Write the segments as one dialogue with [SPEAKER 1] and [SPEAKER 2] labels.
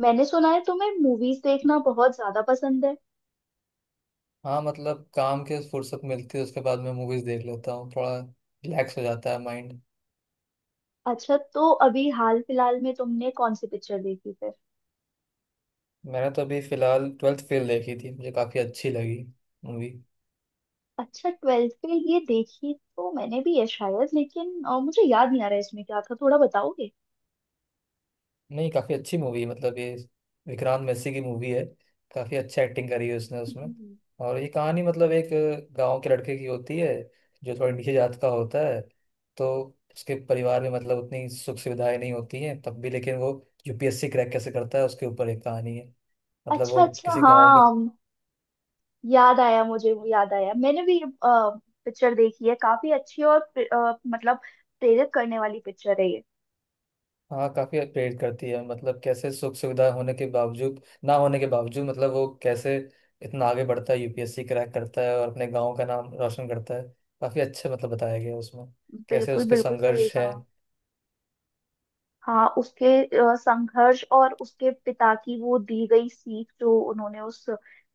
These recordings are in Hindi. [SPEAKER 1] मैंने सुना है तुम्हें मूवीज देखना बहुत ज्यादा पसंद है।
[SPEAKER 2] हाँ मतलब काम के फुर्सत मिलती है उसके बाद मैं मूवीज देख लेता हूँ। थोड़ा रिलैक्स हो जाता है माइंड।
[SPEAKER 1] अच्छा, तो अभी हाल फिलहाल में तुमने कौन सी पिक्चर देखी फिर?
[SPEAKER 2] मैंने तो अभी फिलहाल ट्वेल्थ फेल देखी थी, मुझे काफ़ी अच्छी लगी मूवी।
[SPEAKER 1] अच्छा, ट्वेल्थ पे ये देखी तो मैंने भी है शायद, लेकिन मुझे याद नहीं आ रहा है इसमें क्या था, थोड़ा बताओगे?
[SPEAKER 2] नहीं, काफ़ी अच्छी मूवी, मतलब ये विक्रांत मैसी की मूवी है। काफ़ी अच्छा एक्टिंग करी है उसने उसमें।
[SPEAKER 1] हम्म।
[SPEAKER 2] और ये कहानी मतलब एक गांव के लड़के की होती है जो थोड़ा नीचे जात का होता है। तो उसके परिवार में मतलब उतनी सुख सुविधाएं नहीं होती हैं, तब भी लेकिन वो यूपीएससी क्रैक कैसे करता है उसके ऊपर एक कहानी है। मतलब
[SPEAKER 1] अच्छा
[SPEAKER 2] वो
[SPEAKER 1] अच्छा,
[SPEAKER 2] किसी गांव का।
[SPEAKER 1] हाँ। याद आया, मुझे वो याद आया, मैंने भी ये पिक्चर देखी है, काफी अच्छी। और मतलब प्रेरित करने वाली पिक्चर है ये।
[SPEAKER 2] हाँ, काफी प्रेरित करती है। मतलब कैसे सुख सुविधा होने के बावजूद, ना होने के बावजूद मतलब वो कैसे इतना आगे बढ़ता है, यूपीएससी क्रैक करता है और अपने गांव का नाम रोशन करता है। काफी अच्छे मतलब बताया गया है उसमें कैसे
[SPEAKER 1] बिल्कुल
[SPEAKER 2] उसके
[SPEAKER 1] बिल्कुल सही
[SPEAKER 2] संघर्ष है।
[SPEAKER 1] कहा। हाँ, उसके संघर्ष और उसके पिता की वो दी गई सीख जो उन्होंने उस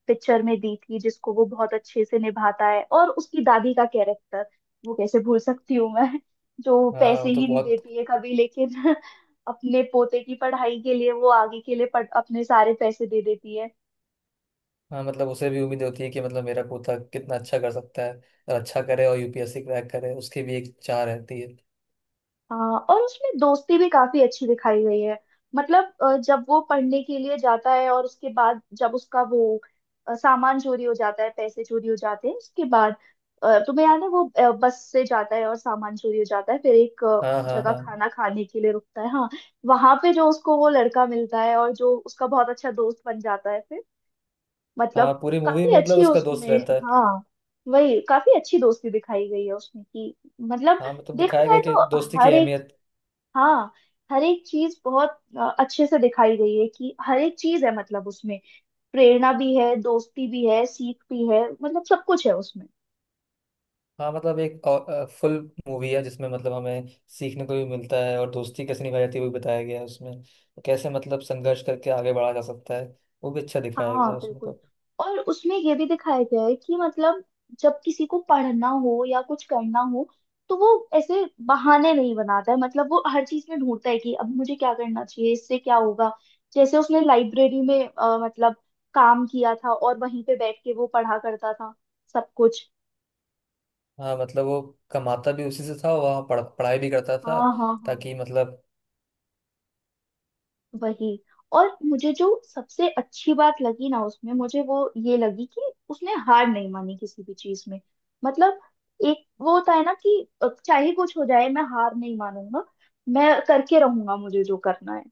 [SPEAKER 1] पिक्चर में दी थी, जिसको वो बहुत अच्छे से निभाता है। और उसकी दादी का कैरेक्टर, वो कैसे भूल सकती हूँ मैं, जो
[SPEAKER 2] हाँ,
[SPEAKER 1] पैसे
[SPEAKER 2] वो तो
[SPEAKER 1] ही नहीं
[SPEAKER 2] बहुत।
[SPEAKER 1] देती है कभी, लेकिन अपने पोते की पढ़ाई के लिए वो आगे के लिए अपने सारे पैसे दे देती है।
[SPEAKER 2] हाँ मतलब उसे भी उम्मीद होती है कि मतलब मेरा पोता कितना अच्छा कर सकता है और अच्छा करे और यूपीएससी क्रैक करे, उसकी भी एक चाह रहती है।
[SPEAKER 1] हाँ, और उसमें दोस्ती भी काफी अच्छी दिखाई गई है। मतलब जब वो पढ़ने के लिए जाता है, और उसके बाद जब उसका वो सामान चोरी हो जाता है, पैसे चोरी हो जाते हैं, उसके बाद तुम्हें याद है वो बस से जाता है और सामान चोरी हो जाता है, फिर एक
[SPEAKER 2] हाँ हाँ
[SPEAKER 1] जगह
[SPEAKER 2] हाँ।
[SPEAKER 1] खाना खाने के लिए रुकता है। हाँ, वहां पे जो उसको वो लड़का मिलता है, और जो उसका बहुत अच्छा दोस्त बन जाता है फिर,
[SPEAKER 2] हाँ,
[SPEAKER 1] मतलब
[SPEAKER 2] पूरी मूवी
[SPEAKER 1] काफी
[SPEAKER 2] में मतलब
[SPEAKER 1] अच्छी है
[SPEAKER 2] उसका दोस्त
[SPEAKER 1] उसमें।
[SPEAKER 2] रहता है।
[SPEAKER 1] हाँ, वही, काफी अच्छी दोस्ती दिखाई गई है उसमें कि, मतलब
[SPEAKER 2] हाँ, मतलब
[SPEAKER 1] देखा
[SPEAKER 2] दिखाया
[SPEAKER 1] जाए
[SPEAKER 2] गया कि
[SPEAKER 1] तो
[SPEAKER 2] दोस्ती की
[SPEAKER 1] हर एक,
[SPEAKER 2] अहमियत।
[SPEAKER 1] हाँ, हर एक चीज बहुत अच्छे से दिखाई गई है। कि हर एक चीज है मतलब उसमें, प्रेरणा भी है, दोस्ती भी है, सीख भी है, मतलब सब कुछ है उसमें।
[SPEAKER 2] हाँ मतलब एक फुल मूवी है जिसमें मतलब हमें सीखने को भी मिलता है और दोस्ती कैसे निभाई जाती है वो भी बताया गया है उसमें। तो कैसे मतलब संघर्ष करके आगे बढ़ा जा सकता है वो भी अच्छा दिखाया
[SPEAKER 1] हाँ
[SPEAKER 2] गया है उसमें।
[SPEAKER 1] बिल्कुल,
[SPEAKER 2] तो
[SPEAKER 1] और उसमें ये भी दिखाया गया है कि मतलब जब किसी को पढ़ना हो या कुछ करना हो, तो वो ऐसे बहाने नहीं बनाता है। मतलब वो हर चीज में ढूंढता है कि अब मुझे क्या करना चाहिए, इससे क्या होगा। जैसे उसने लाइब्रेरी में मतलब काम किया था और वहीं पे बैठ के वो पढ़ा करता था सब कुछ।
[SPEAKER 2] हाँ मतलब वो कमाता भी उसी से था, वहाँ पढ़ाई भी करता था,
[SPEAKER 1] हाँ हाँ हाँ,
[SPEAKER 2] ताकि मतलब।
[SPEAKER 1] वही। और मुझे जो सबसे अच्छी बात लगी ना उसमें, मुझे वो ये लगी कि उसने हार नहीं मानी किसी भी चीज में। मतलब एक वो होता है ना कि चाहे कुछ हो जाए मैं हार नहीं मानूंगा, मैं करके रहूंगा मुझे जो करना है।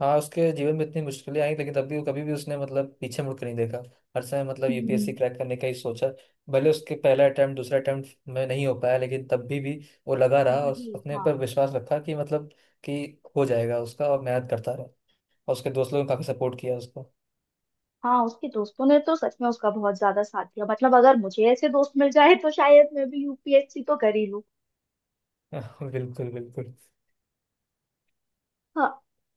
[SPEAKER 2] हाँ उसके जीवन में इतनी मुश्किलें आई लेकिन तब भी वो कभी भी उसने मतलब पीछे मुड़ के नहीं देखा। हर समय मतलब यूपीएससी
[SPEAKER 1] हम्म।
[SPEAKER 2] क्रैक करने का ही सोचा। भले उसके पहला अटेम्प्ट दूसरा अटेम्प्ट में नहीं हो पाया लेकिन तब भी वो लगा रहा और
[SPEAKER 1] वही,
[SPEAKER 2] अपने
[SPEAKER 1] हाँ।
[SPEAKER 2] पर विश्वास रखा कि मतलब कि हो जाएगा उसका, और मेहनत करता रहा। और उसके दोस्त लोगों ने काफी सपोर्ट किया उसको।
[SPEAKER 1] हाँ, उसके दोस्तों ने तो सच में उसका बहुत ज्यादा साथ दिया। मतलब अगर मुझे ऐसे दोस्त मिल जाए तो शायद मैं भी यूपीएससी तो कर ही लूं।
[SPEAKER 2] बिल्कुल बिल्कुल।
[SPEAKER 1] हाँ,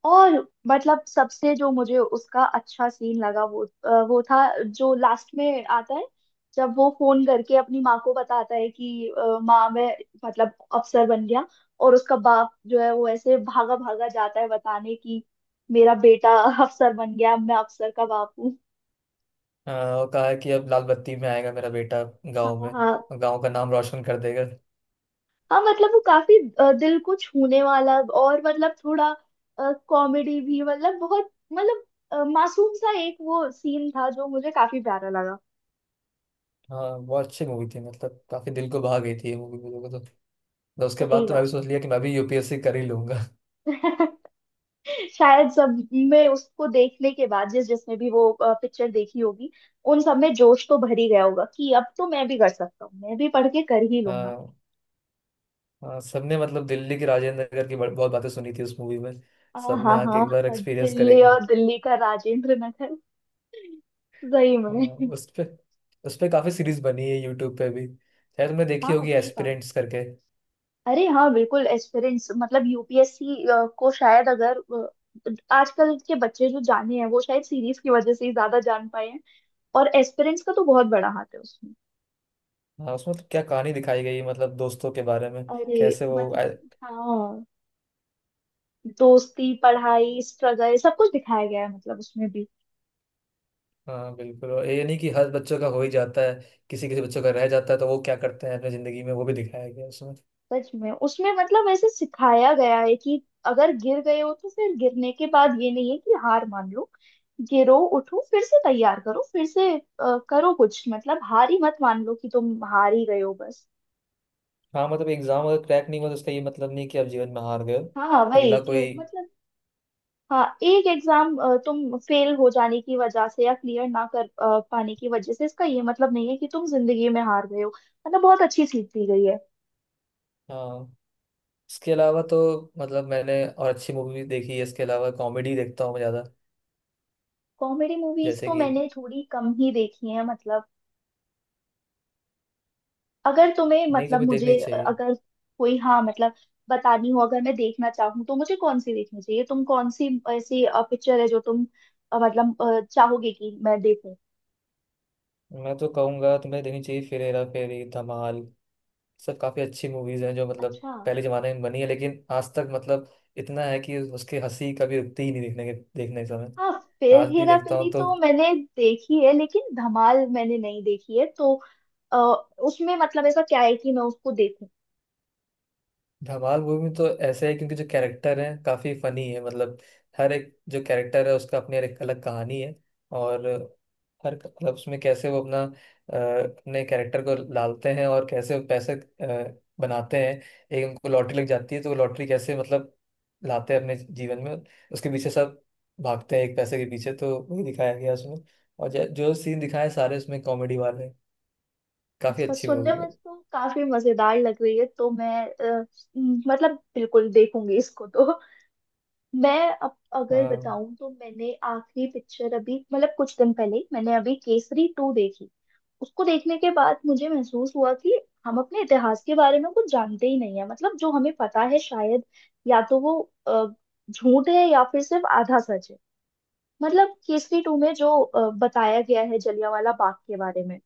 [SPEAKER 1] और मतलब सबसे जो मुझे उसका अच्छा सीन लगा वो वो था जो लास्ट में आता है, जब वो फोन करके अपनी माँ को बताता है कि माँ मैं मतलब अफसर बन गया। और उसका बाप जो है वो ऐसे भागा भागा जाता है बताने कि मेरा बेटा अफसर बन गया, मैं अफसर का बाप हूँ।
[SPEAKER 2] और कहा कि अब लाल बत्ती में आएगा मेरा बेटा
[SPEAKER 1] हाँ
[SPEAKER 2] गाँव
[SPEAKER 1] हाँ
[SPEAKER 2] में,
[SPEAKER 1] हाँ।
[SPEAKER 2] और गाँव का नाम रोशन कर देगा।
[SPEAKER 1] हाँ, मतलब वो काफी दिल को छूने वाला, और मतलब थोड़ा कॉमेडी भी, मतलब बहुत मतलब मासूम सा एक वो सीन था जो मुझे काफी प्यारा लगा।
[SPEAKER 2] हाँ बहुत अच्छी मूवी थी, मतलब काफी दिल को भा गई थी ये मूवी मुझे तो। तो उसके बाद
[SPEAKER 1] सही
[SPEAKER 2] तो मैं
[SPEAKER 1] का।
[SPEAKER 2] भी सोच लिया कि मैं भी यूपीएससी कर ही लूंगा।
[SPEAKER 1] शायद सब में, उसको देखने के बाद जिस जिसने भी वो पिक्चर देखी होगी, उन सब में जोश तो भर ही गया होगा कि अब तो मैं भी कर सकता हूँ, मैं भी पढ़ के कर ही लूंगा।
[SPEAKER 2] हाँ। हाँ, सबने मतलब दिल्ली की राजेंद्र नगर की बहुत बातें सुनी थी उस मूवी में।
[SPEAKER 1] हाँ
[SPEAKER 2] सबने
[SPEAKER 1] हाँ
[SPEAKER 2] आके एक बार
[SPEAKER 1] हाँ,
[SPEAKER 2] एक्सपीरियंस
[SPEAKER 1] दिल्ली
[SPEAKER 2] करेंगे।
[SPEAKER 1] और दिल्ली का राजेंद्र नगर। सही
[SPEAKER 2] हाँ,
[SPEAKER 1] में।
[SPEAKER 2] उस पे, उस पे काफी सीरीज बनी है यूट्यूब पे भी, शायद तुमने देखी
[SPEAKER 1] हाँ
[SPEAKER 2] होगी
[SPEAKER 1] सही।
[SPEAKER 2] एस्पिरेंट्स करके।
[SPEAKER 1] अरे हाँ बिल्कुल, एस्पिरेंट्स, मतलब यूपीएससी को शायद अगर आजकल के बच्चे जो जाने हैं वो शायद सीरीज की वजह से ही ज्यादा जान पाए हैं। और एस्पिरेंट्स का तो बहुत बड़ा हाथ है उसमें।
[SPEAKER 2] हाँ उसमें तो क्या कहानी दिखाई गई है, मतलब दोस्तों के बारे में,
[SPEAKER 1] अरे
[SPEAKER 2] कैसे वो
[SPEAKER 1] मतलब, हाँ, दोस्ती, पढ़ाई, स्ट्रगल, सब कुछ दिखाया गया है मतलब उसमें भी।
[SPEAKER 2] हाँ बिल्कुल, और ये नहीं कि हर बच्चों का हो ही जाता है। किसी किसी बच्चों का रह जाता है तो वो क्या करते हैं अपनी जिंदगी में वो भी दिखाया गया है उसमें।
[SPEAKER 1] सच में उसमें मतलब ऐसे सिखाया गया है कि अगर गिर गए हो तो फिर गिरने के बाद ये नहीं है कि हार मान लो। गिरो उठो, फिर से तैयार करो, फिर से करो कुछ, मतलब हार ही मत मान लो कि तुम हार ही गए हो बस।
[SPEAKER 2] हाँ मतलब एग्जाम अगर क्रैक नहीं हुआ तो उसका ये मतलब नहीं कि आप जीवन में हार गए हो।
[SPEAKER 1] हाँ वही
[SPEAKER 2] अगला
[SPEAKER 1] कि
[SPEAKER 2] कोई।
[SPEAKER 1] मतलब, हाँ, एक एग्जाम तुम फेल हो जाने की वजह से या क्लियर ना कर पाने की वजह से, इसका ये मतलब नहीं है कि तुम जिंदगी में हार गए हो। मतलब बहुत अच्छी सीख दी गई है।
[SPEAKER 2] हाँ। इसके अलावा तो मतलब मैंने और अच्छी मूवी भी देखी है। इसके अलावा कॉमेडी देखता हूँ मैं ज़्यादा,
[SPEAKER 1] कॉमेडी मूवीज
[SPEAKER 2] जैसे
[SPEAKER 1] तो
[SPEAKER 2] कि।
[SPEAKER 1] मैंने थोड़ी कम ही देखी है, मतलब अगर तुम्हें
[SPEAKER 2] नहीं
[SPEAKER 1] मतलब
[SPEAKER 2] तुम्हें देखनी
[SPEAKER 1] मुझे
[SPEAKER 2] चाहिए।
[SPEAKER 1] अगर कोई, हाँ मतलब बतानी हो, अगर मैं देखना चाहूँ तो मुझे कौन सी देखनी चाहिए? तुम कौन सी ऐसी पिक्चर है जो तुम मतलब चाहोगे कि मैं देखूं?
[SPEAKER 2] मैं तो कहूँगा तुम्हें देखनी चाहिए फिर हेरा फेरी, धमाल, सब काफ़ी अच्छी मूवीज़ हैं जो मतलब
[SPEAKER 1] अच्छा।
[SPEAKER 2] पहले ज़माने में बनी है लेकिन आज तक मतलब इतना है कि उसकी हंसी कभी रुकती ही नहीं देखने के समय।
[SPEAKER 1] हाँ, फिर
[SPEAKER 2] आज भी
[SPEAKER 1] हेरा
[SPEAKER 2] देखता हूँ
[SPEAKER 1] फेरी
[SPEAKER 2] तो।
[SPEAKER 1] तो मैंने देखी है, लेकिन धमाल मैंने नहीं देखी है, तो अ, उसमें मतलब ऐसा क्या है कि मैं उसको देखूं?
[SPEAKER 2] धमाल मूवी तो ऐसे है क्योंकि जो कैरेक्टर है काफी फनी है मतलब। हर एक जो कैरेक्टर है उसका अपनी एक अलग कहानी है। और हर मतलब उसमें कैसे वो अपने कैरेक्टर को डालते हैं और कैसे वो पैसे बनाते हैं। एक उनको लॉटरी लग जाती है तो वो लॉटरी कैसे मतलब लाते हैं अपने जीवन में। उसके पीछे सब भागते हैं, एक पैसे के पीछे, तो वही दिखाया गया उसमें। और जो सीन दिखाए सारे उसमें कॉमेडी वाले हैं। काफी
[SPEAKER 1] अच्छा,
[SPEAKER 2] अच्छी
[SPEAKER 1] सुनने
[SPEAKER 2] मूवी है।
[SPEAKER 1] में तो काफी मजेदार लग रही है, तो मैं अ, मतलब बिल्कुल देखूंगी इसको तो। मैं अब अगर
[SPEAKER 2] हाँ।
[SPEAKER 1] बताऊं तो मैंने आखिरी पिक्चर अभी, मतलब कुछ दिन पहले ही मैंने अभी केसरी टू देखी। उसको देखने के बाद मुझे महसूस हुआ कि हम अपने इतिहास के बारे में कुछ जानते ही नहीं है। मतलब जो हमें पता है शायद या तो वो अ, झूठ है या फिर सिर्फ आधा सच है। मतलब केसरी टू में जो बताया गया है जलियांवाला बाग के बारे में,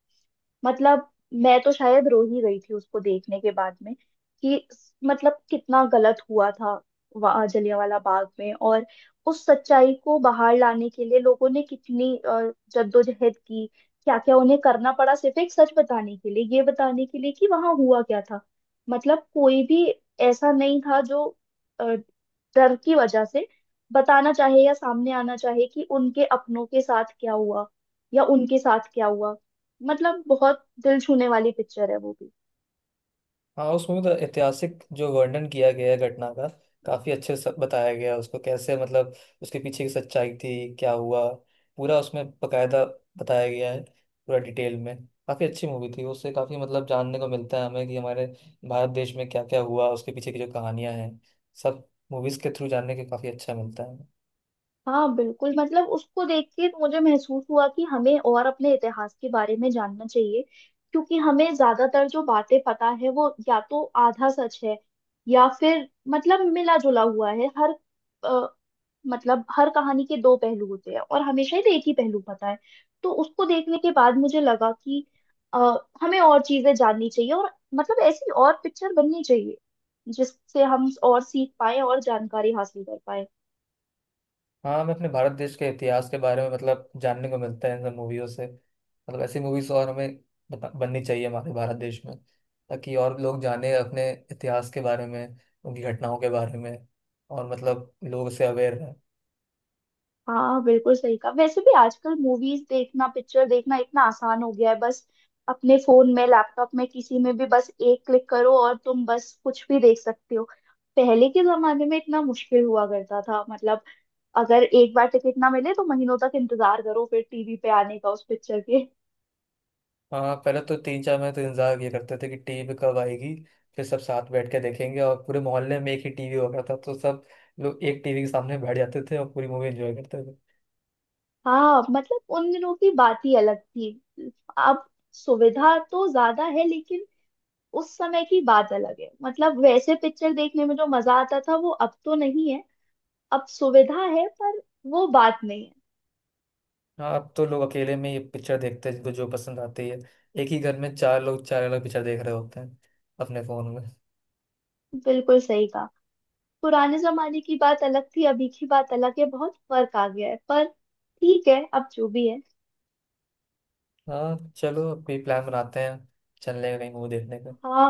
[SPEAKER 1] मतलब मैं तो शायद रो ही गई थी उसको देखने के बाद में। कि मतलब कितना गलत हुआ था वहाँ जलियांवाला बाग में, और उस सच्चाई को बाहर लाने के लिए लोगों ने कितनी जद्दोजहद की, क्या क्या उन्हें करना पड़ा सिर्फ एक सच बताने के लिए, ये बताने के लिए कि वहाँ हुआ क्या था। मतलब कोई भी ऐसा नहीं था जो अ, डर की वजह से बताना चाहे या सामने आना चाहे कि उनके अपनों के साथ क्या हुआ, या उनके साथ क्या हुआ। मतलब बहुत दिल छूने वाली पिक्चर है वो भी।
[SPEAKER 2] हाँ उसमें मतलब ऐतिहासिक जो वर्णन किया गया है घटना का, काफी अच्छे से बताया गया है उसको। कैसे मतलब उसके पीछे की सच्चाई थी, क्या हुआ, पूरा उसमें बकायदा बताया गया है, पूरा डिटेल में। काफी अच्छी मूवी थी, उससे काफी मतलब जानने को मिलता है हमें कि हमारे भारत देश में क्या क्या हुआ, उसके पीछे की जो कहानियां हैं सब, मूवीज के थ्रू जानने के काफी अच्छा मिलता है।
[SPEAKER 1] हाँ बिल्कुल, मतलब उसको देख के मुझे महसूस हुआ कि हमें और अपने इतिहास के बारे में जानना चाहिए। क्योंकि हमें ज्यादातर जो बातें पता है वो या तो आधा सच है, या फिर मतलब मिला जुला हुआ है। हर अ, मतलब हर कहानी के दो पहलू होते हैं, और हमेशा ही एक ही पहलू पता है। तो उसको देखने के बाद मुझे लगा कि अ, हमें और चीजें जाननी चाहिए, और मतलब ऐसी और पिक्चर बननी चाहिए, जिससे हम और सीख पाए और जानकारी हासिल कर पाए।
[SPEAKER 2] हाँ हमें अपने भारत देश के इतिहास के बारे में मतलब जानने को मिलता है इन सब मूवियों से। मतलब ऐसी मूवीज और हमें बननी चाहिए हमारे भारत देश में, ताकि और लोग जाने अपने इतिहास के बारे में, उनकी घटनाओं के बारे में, और मतलब लोग से अवेयर हैं।
[SPEAKER 1] हाँ बिल्कुल सही कहा। वैसे भी आजकल मूवीज देखना, पिक्चर देखना इतना आसान हो गया है, बस अपने फोन में, लैपटॉप में, किसी में भी बस एक क्लिक करो और तुम बस कुछ भी देख सकते हो। पहले के जमाने में इतना मुश्किल हुआ करता था, मतलब अगर एक बार टिकट ना मिले तो महीनों तक इंतजार करो फिर टीवी पे आने का उस पिक्चर के।
[SPEAKER 2] हाँ पहले तो तीन चार महीने तो इंतजार ये करते थे कि टीवी कब आएगी, फिर सब साथ बैठ के देखेंगे। और पूरे मोहल्ले में एक ही टीवी होता था तो सब लोग एक टीवी के सामने बैठ जाते थे और पूरी मूवी एंजॉय करते थे।
[SPEAKER 1] हाँ मतलब उन दिनों की बात ही अलग थी। अब सुविधा तो ज्यादा है लेकिन उस समय की बात अलग है, मतलब वैसे पिक्चर देखने में जो मजा आता था वो अब तो नहीं है। अब सुविधा है पर वो बात नहीं है।
[SPEAKER 2] हाँ अब तो लोग अकेले में ये पिक्चर देखते हैं, जिनको जो पसंद आती है। एक ही घर में चार लोग चार अलग पिक्चर देख रहे होते हैं अपने फोन में।
[SPEAKER 1] बिल्कुल सही कहा, पुराने जमाने की बात अलग थी, अभी की बात अलग है, बहुत फर्क आ गया है, पर ठीक है, अब जो भी है।
[SPEAKER 2] हाँ चलो अब कोई प्लान बनाते हैं चलने का, कहीं मूवी देखने का।
[SPEAKER 1] हाँ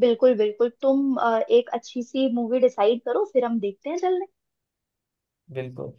[SPEAKER 1] बिल्कुल बिल्कुल, तुम एक अच्छी सी मूवी डिसाइड करो फिर हम देखते हैं चलने।
[SPEAKER 2] बिल्कुल।